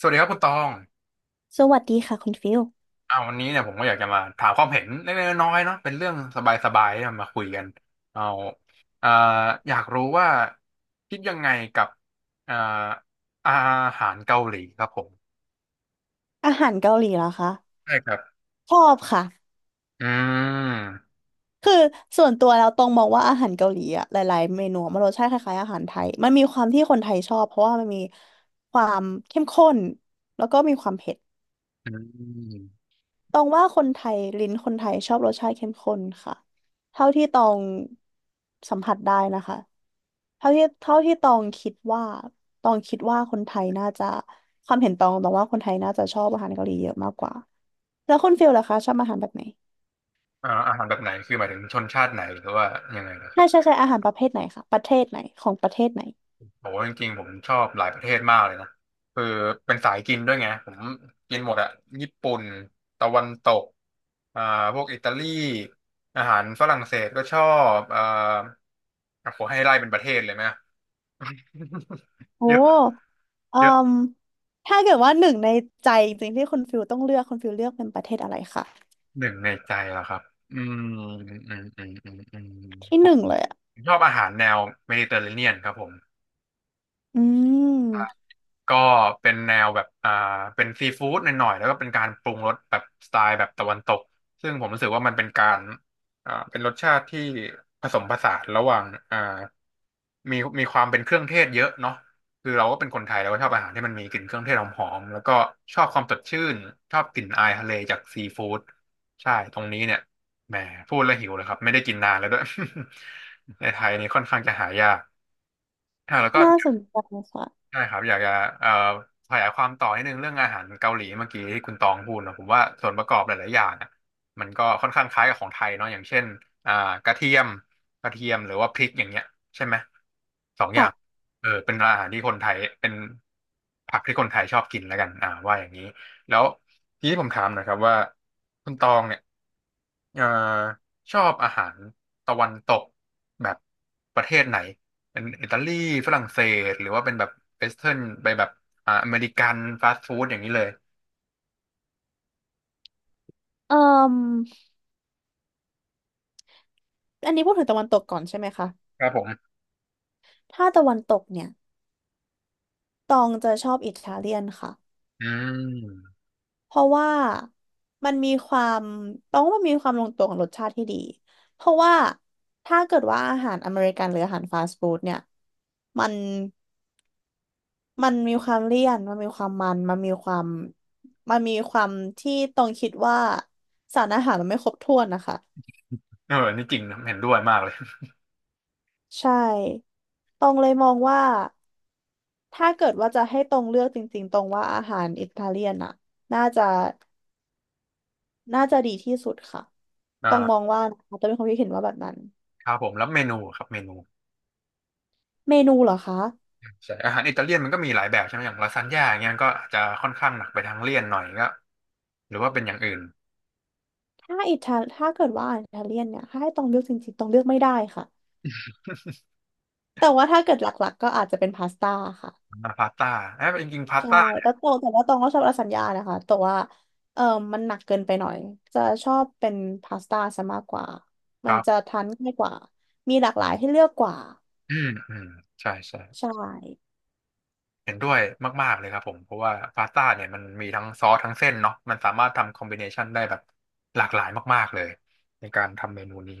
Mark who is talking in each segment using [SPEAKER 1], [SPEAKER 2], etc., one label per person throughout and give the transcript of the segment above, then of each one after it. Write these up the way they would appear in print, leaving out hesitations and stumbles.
[SPEAKER 1] สวัสดีครับคุณตอง
[SPEAKER 2] สวัสดีค่ะคุณฟิล
[SPEAKER 1] วันนี้เนี่ยผมก็อยากจะมาถามความเห็นเล็กๆน้อยๆเนาะเป็นเรื่องสบายๆเอามาคุยกันเอาอ่าอยากรู้ว่าคิดยังไงกับอ่าอาหารเกาหลีครับผม
[SPEAKER 2] อาหารเกาหลีเหรอคะ
[SPEAKER 1] ใช่ครับ
[SPEAKER 2] ชอบค่ะ
[SPEAKER 1] อืม
[SPEAKER 2] คือส่วนตัวแล้วตรงมองว่าอาหารเกาหลีอะหลายๆเมนูมันรสชาติคล้ายๆอาหารไทยมันมีความที่คนไทยชอบเพราะว่ามันมีความเข้มข้นแล้วก็มีความเผ็ด
[SPEAKER 1] อืม
[SPEAKER 2] ตรงว่าคนไทยลิ้นคนไทยชอบรสชาติเข้มข้นค่ะเท่าที่ตองสัมผัสได้นะคะเท่าที่ตองคิดว่าคนไทยน่าจะความเห็นตองว่าคนไทยน่าจะชอบอาหารเกาหลีเยอะมากกว่าแล้วคุณฟิลล่ะคะชอบอาหารแบบไหน
[SPEAKER 1] อาหารแบบไหนคือหมายถึงชนชาติไหนหรือว่ายังไงนะครั
[SPEAKER 2] ใช่
[SPEAKER 1] บ
[SPEAKER 2] ใช่ใช่อาหารประเภทไหนคะประเทศไหนของประเทศไหน
[SPEAKER 1] โหจริงๆผมชอบหลายประเทศมากเลยนะคือเป็นสายกินด้วยไงผมกินหมดอะญี่ปุ่นตะวันตกอ่าพวกอิตาลีอาหารฝรั่งเศสก็ชอบโอ้โหให้ไล่เป็นประเทศเลยไหม
[SPEAKER 2] โอ้
[SPEAKER 1] เยอะ
[SPEAKER 2] เอ่
[SPEAKER 1] เยอะ
[SPEAKER 2] มถ้าเกิดว่าหนึ่งในใจจริงๆที่คุณฟิลต้องเลือกคุณฟิลเลือกเป็นประเทศอะไรคะ
[SPEAKER 1] หนึ่งในใจเหรอครับอืมอืมอืมอืมอื
[SPEAKER 2] ที่ห
[SPEAKER 1] ม
[SPEAKER 2] นึ่งเลยอ่ะ
[SPEAKER 1] ผมชอบอาหารแนวเมดิเตอร์เรเนียนครับผม
[SPEAKER 2] อืม
[SPEAKER 1] ก็เป็นแนวแบบเป็นซีฟู้ดหน่อยๆแล้วก็เป็นการปรุงรสแบบสไตล์แบบตะวันตกซึ่งผมรู้สึกว่ามันเป็นการเป็นรสชาติที่ผสมผสานระหว่างอ่ามีความเป็นเครื่องเทศเยอะเนาะคือเราก็เป็นคนไทยเราก็ชอบอาหารที่มันมีกลิ่นเครื่องเทศหอมๆแล้วก็ชอบความสดชื่นชอบกลิ่นอายทะเลจากซีฟู้ดใช่ตรงนี้เนี่ยแหมพูดแล้วหิวเลยครับไม่ได้กินนานแล้วด้วย ในไทยนี่ค่อนข้างจะหายากอ่ะแล้วก็
[SPEAKER 2] น่าสนใจค่ะ
[SPEAKER 1] ใช่ครับอยากจะเอ่อขยายความต่อนิดนึงเรื่องอาหารเกาหลีเมื่อกี้ที่คุณตองพูดนะผมว่าส่วนประกอบหลายๆอย่างอ่ะมันก็ค่อนข้างคล้ายกับของไทยเนาะอย่างเช่นอ่ากระเทียมกระเทียมหรือว่าพริกอย่างเงี้ยใช่ไหมสองอย่า
[SPEAKER 2] ค่ะ
[SPEAKER 1] งเออเป็นอาหารที่คนไทยเป็นผักที่คนไทยชอบกินแล้วกันอ่าว่าอย่างนี้แล้วทีนี้ผมถามหนะครับว่าคุณตองเนี่ยเอ่อชอบอาหารตะวันตกแบบประเทศไหน เป็นอิตาลีฝรั่งเศสหรือว่าเป็นแบบเวสเทิร์นไปแบบอเมริกันฟาสต์ฟู้ดอย่างนี้เลย
[SPEAKER 2] เอ่มอันนี้พูดถึงตะวันตกก่อนใช่ไหมคะ
[SPEAKER 1] ครับผม
[SPEAKER 2] ถ้าตะวันตกเนี่ยตองจะชอบอิตาเลียนค่ะ
[SPEAKER 1] อืม
[SPEAKER 2] เพราะว่ามันมีความตองว่ามันมีความลงตัวของรสชาติที่ดีเพราะว่าถ้าเกิดว่าอาหารอเมริกันหรืออาหารฟาสต์ฟู้ดเนี่ยมัน มันมีความเลี่ยนมันมีความที่ตรงคิดว่าสารอาหารมันไม่ครบถ้วนนะคะ
[SPEAKER 1] เออนี่จริงนะเห็นด้วยมากเลย
[SPEAKER 2] ใช่ ตรงเลยมองว่าถ้าเกิดว่าจะให้ตรงเลือกจริงๆตรงว่าอาหารอิตาเลียนอะน่าจะน่าจะดีที่สุดค่ะ ตรงมอง
[SPEAKER 1] อ่า
[SPEAKER 2] ว่านะคะตองมีความคิดเห็นว่าแบบนั้น
[SPEAKER 1] ครับผมแล้วเมนูครับเมนู
[SPEAKER 2] เมนูเหรอคะ
[SPEAKER 1] ใช่อาหารอิตาเลียนมันก็มีหลายแบบใช่ไหมอย่างลาซานญ่าอย่างเงี้ยมันก็อาจจะค่อนข้างหนักไปทางเลี่ยนหน่อยก็หรือว่าเป็นอย่างอื่น
[SPEAKER 2] ถ้าเกิดว่าอาหารอิตาเลียนเนี่ยถ้าให้ตรงเลือกจริงๆตรงเลือกไม่ได้ค่ะ แต่ว่าถ้าเกิดหลักๆก็อาจจะเป็นพาสต้าค่ะ
[SPEAKER 1] พาสต้าเอ้ยจริงๆพาส
[SPEAKER 2] ใช่
[SPEAKER 1] ต้าเนี่ย
[SPEAKER 2] แต่ว่าตองก็ชอบลาซานญ่านะคะแต่ว่าเออมันหนักเกินไปหน่อยจะชอบเป็นพาสต้าซะมากกว่า
[SPEAKER 1] ค
[SPEAKER 2] มัน
[SPEAKER 1] รั
[SPEAKER 2] จะ
[SPEAKER 1] บ
[SPEAKER 2] ทานง่ายกว่ามีหลากหลายให้เลือกกว่า
[SPEAKER 1] อืมอืมใช่ใช่
[SPEAKER 2] ใช่
[SPEAKER 1] เห็นด้วยมากๆเลยครับผมเพราะว่าพาสต้าเนี่ยมันมีทั้งซอสทั้งเส้นเนาะมันสามารถทำคอมบิเนชันได้แบบหลากหลายมากๆเลยในการทำเมนูนี้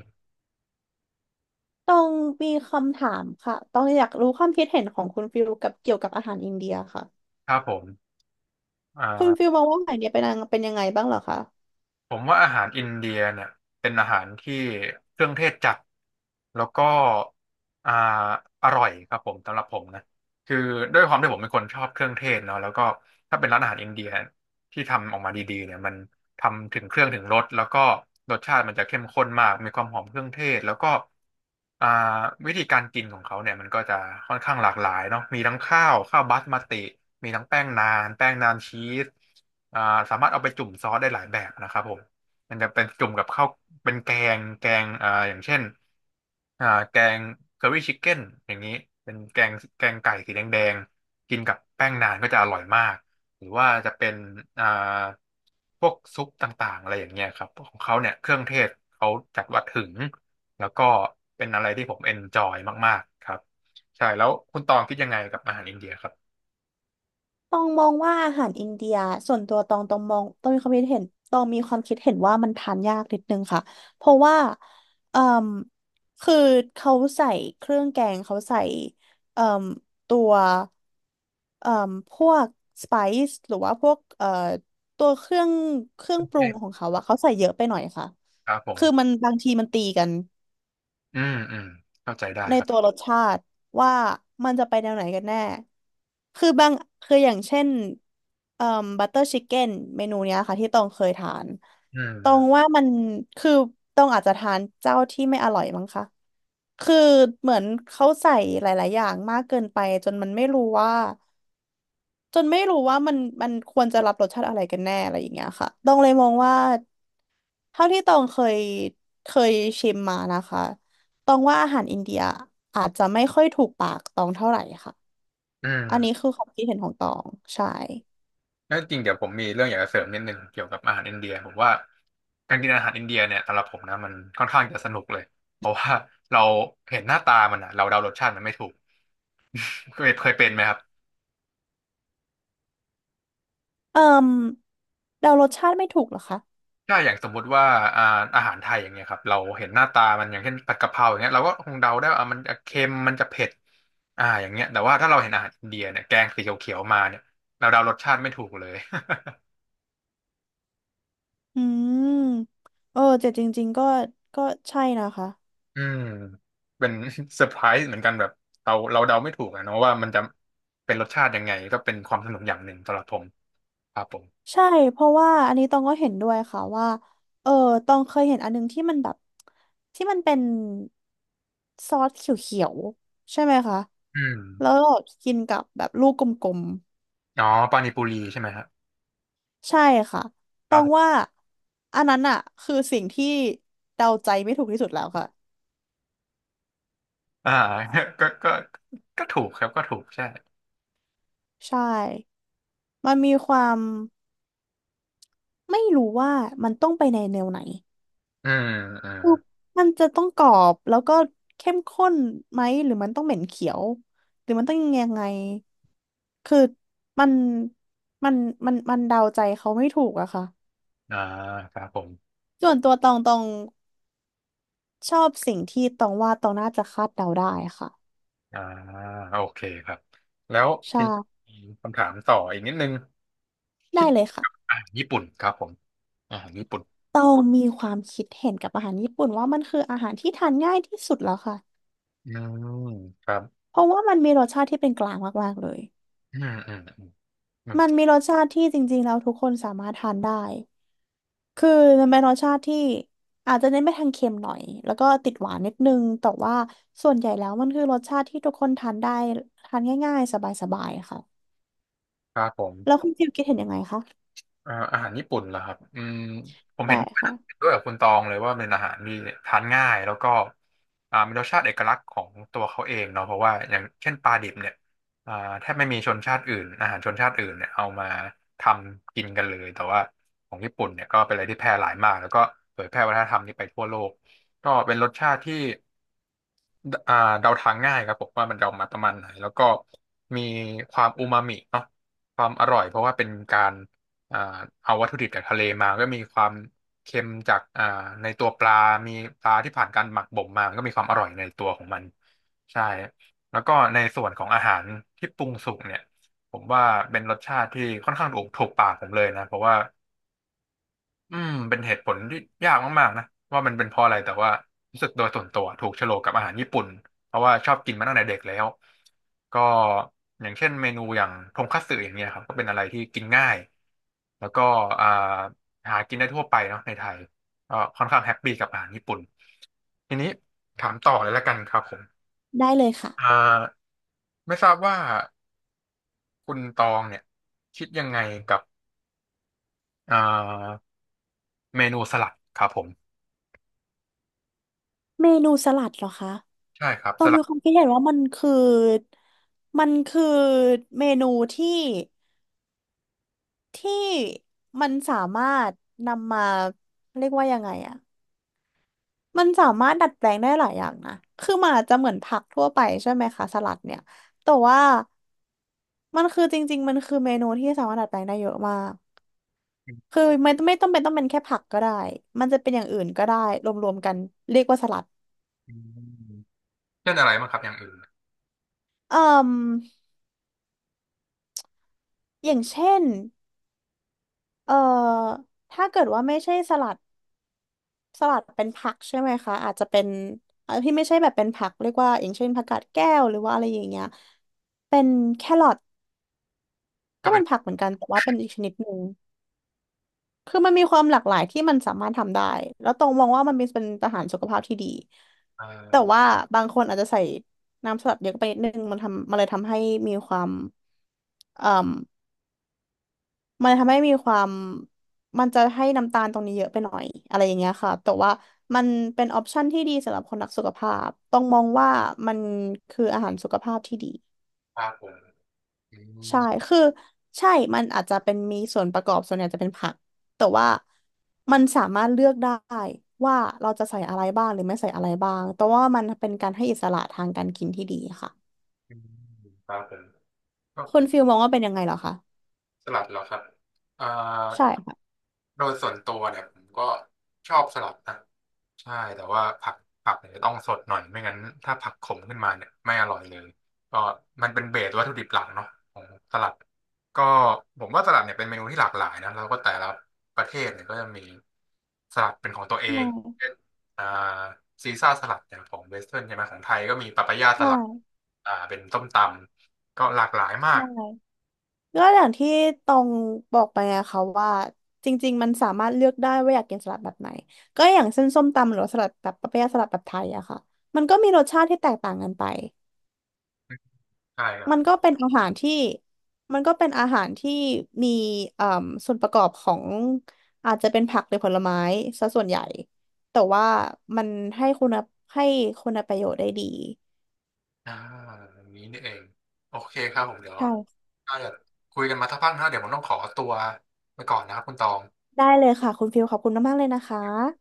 [SPEAKER 2] ต้องมีคำถามค่ะต้องอยากรู้ความคิดเห็นของคุณฟิลกับเกี่ยวกับอาหารอินเดียค่ะ
[SPEAKER 1] ครับผมอ
[SPEAKER 2] คุณฟิ
[SPEAKER 1] ่า
[SPEAKER 2] ลมองว่าอาหารอินเดียเป็นยังไงบ้างเหรอคะ
[SPEAKER 1] ผมว่าอาหารอินเดียเนี่ยเป็นอาหารที่เครื่องเทศจัดแล้วก็อ่าอร่อยครับผมสำหรับผมนะคือด้วยความที่ผมเป็นคนชอบเครื่องเทศเนาะแล้วก็ถ้าเป็นร้านอาหารอินเดียที่ทำออกมาดีๆเนี่ยมันทำถึงเครื่องถึงรสแล้วก็รสชาติมันจะเข้มข้นมากมีความหอมเครื่องเทศแล้วก็อ่าวิธีการกินของเขาเนี่ยมันก็จะค่อนข้างหลากหลายเนาะมีทั้งข้าวบาสมาติมีทั้งแป้งนานชีส อ่าสามารถเอาไปจุ่มซอสได้หลายแบบนะครับผมมันจะเป็นจุ่มกับข้าวเป็นแกงอย่างเช่นแกงเคอรี่ชิคเก้นอย่างนี้เป็นแกงไก่สีแดงแดงกินกับแป้งนานก็จะอร่อยมากหรือว่าจะเป็นอ่าพวกซุปต่างๆอะไรอย่างเงี้ยครับของเขาเนี่ยเครื่องเทศเขาจัดว่าถึงแล้วก็เป็นอะไรที่ผมเอนจอยมากๆครับใช่แล้วคุณตองคิดยังไงกับอาหารอินเดียครับ
[SPEAKER 2] ตองมองว่าอาหารอินเดียส่วนตัวตองมองตองมีความคิดเห็นตองมีความคิดเห็นว่ามันทานยากนิดนึงค่ะเพราะว่าเอ่มคือเขาใส่เครื่องแกงเขาใส่เอ่มตัวเอ่มพวกสไปซ์หรือว่าพวกตัวเครื่องป
[SPEAKER 1] เท
[SPEAKER 2] รุงขอ
[SPEAKER 1] ศ
[SPEAKER 2] งเขาอะเขาใส่เยอะไปหน่อยค่ะ
[SPEAKER 1] ครับผม
[SPEAKER 2] คือมันบางทีมันตีกัน
[SPEAKER 1] อืมอืมเข้าใจได้
[SPEAKER 2] ในตัวรสชาติว่ามันจะไปแนวไหนกันแน่ คือบางคืออย่างเช่นเอ่อบัตเตอร์ชิคเก้นเมนูเนี้ยค่ะที่ตองเคยทาน
[SPEAKER 1] อื
[SPEAKER 2] ตอง
[SPEAKER 1] ม
[SPEAKER 2] ว่ามันคือตองอาจจะทานเจ้าที่ไม่อร่อยมั้งคะคือเหมือนเขาใส่หลายๆอย่างมากเกินไปจนมันไม่รู้ว่าจนไม่รู้ว่ามันควรจะรับรสชาติอะไรกันแน่อะไรอย่างเงี้ยค่ะต้องเลยมองว่า เท่าที่ตองเคยชิมมานะคะตองว่าอาหารอินเดียอาจจะไม่ค่อยถูกปากตองเท่าไหร่ค่ะ
[SPEAKER 1] อื
[SPEAKER 2] อันนี้
[SPEAKER 1] ม
[SPEAKER 2] คือความคิดเห็นของตองใช่
[SPEAKER 1] แล้วจริงเดี๋ยวผมมีเรื่องอยากจะเสริมนิดนึงเกี่ยวกับอาหารอินเดียผมว่าการกินอาหารอินเดียเนี่ยสำหรับผมนะมันค่อนข้างจะสนุกเลยเพราะว่าเราเห็นหน้าตามันอะเราเดารสชาติมันไม่ถูกเคยเป็นไหมครับ
[SPEAKER 2] เอ่มเดารสชาติไม่ถูกเหรอคะ
[SPEAKER 1] ถ้าอย่างสมมุติว่าอ่าอาหารไทยอย่างเงี้ยครับเราเห็นหน้าตามันอย่างเช่นผัดกะเพราอย่างเงี้ยเราก็คงเดาได้ว่าอ่ะมันจะเค็มมันจะเผ็ดอย่างเงี้ยแต่ว่าถ้าเราเห็นอาหารอินเดียเนี่ยแกงสีเขียวๆมาเนี่ยเราเดารสชาติไม่ถูกเลย
[SPEAKER 2] อืมเออแต่จริงๆก็ใช่นะคะ
[SPEAKER 1] อืมเป็น เซอร์ไพรส์เหมือนกันแบบเราเดาไม่ถูกอะเนาะว่ามันจะเป็นรสชาติยังไงก็เป็นความสนุกอย่างหนึ่งสำหรับผมครับผม
[SPEAKER 2] ใช่เพราะว่าอันนี้ตองก็เห็นด้วยค่ะว่าเออตองเคยเห็นอันนึงที่มันแบบที่มันเป็นซอสเขียวๆใช่ไหมคะ
[SPEAKER 1] อืม
[SPEAKER 2] แล้วก็กินกับแบบลูกกลมๆ
[SPEAKER 1] อ๋อปานิปุรีใช่ไหมครับ
[SPEAKER 2] ใช่ค่ะ
[SPEAKER 1] ค
[SPEAKER 2] ต้
[SPEAKER 1] รั
[SPEAKER 2] อ
[SPEAKER 1] บ
[SPEAKER 2] ง
[SPEAKER 1] ผ
[SPEAKER 2] ว่า
[SPEAKER 1] ม
[SPEAKER 2] อันนั้นอะคือสิ่งที่เดาใจไม่ถูกที่สุดแล้วค่ะ
[SPEAKER 1] อ่า ก็ก็ถูกครับก็ถูกใช่
[SPEAKER 2] ใช่มันมีความไม่รู้ว่ามันต้องไปในแนวไหน
[SPEAKER 1] อืมอืม
[SPEAKER 2] คือมันจะต้องกรอบแล้วก็เข้มข้นไหมหรือมันต้องเหม็นเขียวหรือมันต้องยังไงคือมันมันมันเดาใจเขาไม่ถูกอะค่ะ
[SPEAKER 1] อ่าครับผม
[SPEAKER 2] ส่วนตัวตองชอบสิ่งที่ตองว่าตองน่าจะคาดเดาได้ค่ะ
[SPEAKER 1] อ่าโอเคครับแล้ว
[SPEAKER 2] ใช่
[SPEAKER 1] ทีนี้มีคำถามต่ออีกนิดนึงคิ
[SPEAKER 2] ได้
[SPEAKER 1] ด
[SPEAKER 2] เลยค่ะ
[SPEAKER 1] ญี่ปุ่นครับผมญี่ปุ่น
[SPEAKER 2] ตองมีความคิดเห็นกับอาหารญี่ปุ่นว่ามันคืออาหารที่ทานง่ายที่สุดแล้วค่ะ
[SPEAKER 1] อืมครับ
[SPEAKER 2] เพราะว่ามันมีรสชาติที่เป็นกลางมาก ๆ เลย
[SPEAKER 1] อืมอืมอืมอืม
[SPEAKER 2] มันมีรสชาติที่จริง ๆ แล้วทุกคนสามารถทานได้ คือมันเป็นรสชาติที่อาจจะเน้นไปทางเค็มหน่อย แล้วก็ติดหวานนิดนึงแต่ว่าส่วนใหญ่แล้วมันคือรสชาติที่ทุกคนทานได้ทานง่ายๆสบายๆค่ะ
[SPEAKER 1] ครับผ
[SPEAKER 2] แล้ว
[SPEAKER 1] ม
[SPEAKER 2] คุณฟิลคิดเห็นยังไงคะ
[SPEAKER 1] อาหารญี่ปุ่นเหรอครับอืมผม
[SPEAKER 2] ใช่
[SPEAKER 1] เห็น
[SPEAKER 2] ค่ะ
[SPEAKER 1] เห็นด้วยกับคุณตองเลยว่าเป็นอาหารที่ทานง่ายแล้วก็มีรสชาติเอกลักษณ์ของตัวเขาเองเนาะเพราะว่าอย่างเช่นปลาดิบเนี่ยอ่าแทบไม่มีชนชาติอื่นอาหารชนชาติอื่นเนี่ยเอามาทำกินกันเลยแต่ว่าของญี่ปุ่นเนี่ยก็เป็นอะไรที่แพร่หลายมากแล้วก็เผยแพร่วัฒนธรรมนี้ไปทั่วโลกก็เป็นรสชาติที่ ดเดาทางง่ายครับผมว่ามันเดามาประมาณไหนแล้วก็มีความอูมามิเนาะความอร่อยเพราะว่าเป็นการอ่าเอาวัตถุดิบจากทะเลมาก็มีความเค็มจากในตัวปลามีปลาที่ผ่านการหมักบ่มมาก็มีความอร่อยในตัวของมันใช่แล้วก็ในส่วนของอาหารที่ปรุงสุกเนี่ยผมว่าเป็นรสชาติที่ค่อนข้างถูกปากผมเลยนะเพราะว่า อืมเป็นเหตุผลที่ยากมากๆนะว่ามันเป็นเพราะอะไรแต่ว่ารู้สึกโดยส่วนตัวถูกโฉลกกับอาหารญี่ปุ่นเพราะว่าชอบกินมาตั้งแต่เด็กแล้วก็อย่างเช่นเมนูอย่างทงคัตสึอย่างเงี้ยครับก็เป็นอะไรที่กินง่ายแล้วก็อ่าหากินได้ทั่วไปเนาะในไทยก็ค่อนข้างแฮปปี้กับอาหารญี่ปุ่นทีนี้ถามต่อเลยละกันครับผม
[SPEAKER 2] ได้เลยค่ะ
[SPEAKER 1] อ่าไม่ทราบว่าคุณตองเนี่ยคิดยังไงกับอ่าเมนูสลัดครับผม
[SPEAKER 2] เมนูสลัดเหรอคะ
[SPEAKER 1] ใช่ครับ
[SPEAKER 2] ตอ
[SPEAKER 1] ส
[SPEAKER 2] น
[SPEAKER 1] ลั
[SPEAKER 2] มี
[SPEAKER 1] ด
[SPEAKER 2] ความคิดเห็นว่ามันคือมันคือเมนูที่ที่มันสามารถนำมาเรียกว่ายังไงอะมันสามารถดัดแปลงได้หลายอย่างนะคือมันอาจจะเหมือนผักทั่วไปใช่ไหมคะสลัดเนี่ยแต่ว่ามันคือจริงๆมันคือเมนูที่สามารถดัดแปลงได้เยอะมากคือไม่ต้องเป็นแค่ผักก็ได้มันจะเป็นอย่างอื่นก็ได้รวมๆกันเรียกว่าสลัด
[SPEAKER 1] อืม เช่นอะไรบ้างครับอย่างอื่น
[SPEAKER 2] เอ่มอย่างเช่นเอ่อถ้าเกิดว่าไม่ใช่สลัด สลัดเป็นผักใช่ไหมคะอาจจะเป็นที่ไม่ใช่แบบเป็นผักเรียกว่าอย่างเช่นผักกาดแก้วหรือว่าอะไรอย่างเงี้ยเป็นแครอท
[SPEAKER 1] ก็
[SPEAKER 2] ก็
[SPEAKER 1] เป็
[SPEAKER 2] เป็
[SPEAKER 1] น
[SPEAKER 2] นผักเหมือนกันแต่ว่าเป็นอีกชนิดหนึ่งคือมันมีความหลากหลายที่มันสามารถทำได้แล้วตรงมองว่ามันเป็นอาหารสุขภาพที่ดี
[SPEAKER 1] เอ่
[SPEAKER 2] แต่
[SPEAKER 1] อ
[SPEAKER 2] ว่าบางคนอาจจะใส่น้ำสลัดเยอะไปนิดนึงมันทำมันเลยทำให้มีความเอ่อ มันทำให้มีความมันจะให้น้ำตาลตรงนี้เยอะไปหน่อยอะไรอย่างเงี้ยค่ะแต่ว่ามันเป็นออปชันที่ดีสำหรับคนรักสุขภาพต้องมองว่ามันคืออาหารสุขภาพที่ดี
[SPEAKER 1] ปลาผงอืม
[SPEAKER 2] ใช่คือใช่มันอาจจะเป็นมีส่วนประกอบส่วนใหญ่จะเป็นผักแต่ว่ามันสามารถเลือกได้ว่าเราจะใส่อะไรบ้างหรือไม่ใส่อะไรบ้างแต่ว่ามันเป็นการให้อิสระทางการกินที่ดีค่ะ
[SPEAKER 1] อืมปลาผงก็
[SPEAKER 2] คุณฟิลมองว่าเป็นยังไงเหรอคะ
[SPEAKER 1] สลัดเหรอครับเอ่อ
[SPEAKER 2] ใช่ค่ะ
[SPEAKER 1] โดยส่วนตัวเนี่ยผมก็ชอบสลัดนะ ใช่แต่ว่าผักผักเนี่ยต้องสดหน่อยไม่งั้นถ้าผักขมขึ้นมาเนี่ยไม่อร่อยเลยก็มันเป็นเบสวัตถุดิบหลักเนาะของสลัดก็ผมว่าสลัดเนี่ยเป็นเมนูที่หลากหลายนะแล้วก็แต่ละประเทศเนี่ยก็จะมีสลัดเป็นของตัวเอ
[SPEAKER 2] ใช่
[SPEAKER 1] งเช่นอ่าซีซ่าสลัดอย่างของเวสเทิร์นใช่ไหมของไทยก็มีปาปายาส
[SPEAKER 2] ใช่
[SPEAKER 1] ลัดเป็นส้มตำก็หลากหลายมา
[SPEAKER 2] ใช่
[SPEAKER 1] ก
[SPEAKER 2] ก็อย่างที่ตองบอกไปไงคะว่าจริงๆมันสามารถเลือกได้ว่าอยากกินสลัดแบบไหนก็อย่างเส้นส้มตำหรือว่าสลัดแบบปะเปี๊ยะสลัดแบบไทยอะค่ะมันก็มีรสชาติที่แตกต่างกันไป
[SPEAKER 1] ใช่ครับ
[SPEAKER 2] มันก็เป็นอาหารที่มันก็เป็นอาหารที่มีเอ่อส่วนประกอบของอาจจะเป็นผักหรือผลไม้ซะส่วนใหญ่แต่ว่ามันให้คุณภาพให้คุณประโยชน์ได้ดี
[SPEAKER 1] อ่าอย่างนี้นี่เองโอเคครับผมเดี๋ยว
[SPEAKER 2] ใช่
[SPEAKER 1] ถ้าเกิดคุยกันมาสักพักนะเดี๋ยวผมต้องขอตัวไปก่อนนะครับคุณตอง
[SPEAKER 2] ได้เลยค่ะคุณฟิลขอบคุณมากๆเลยนะคะ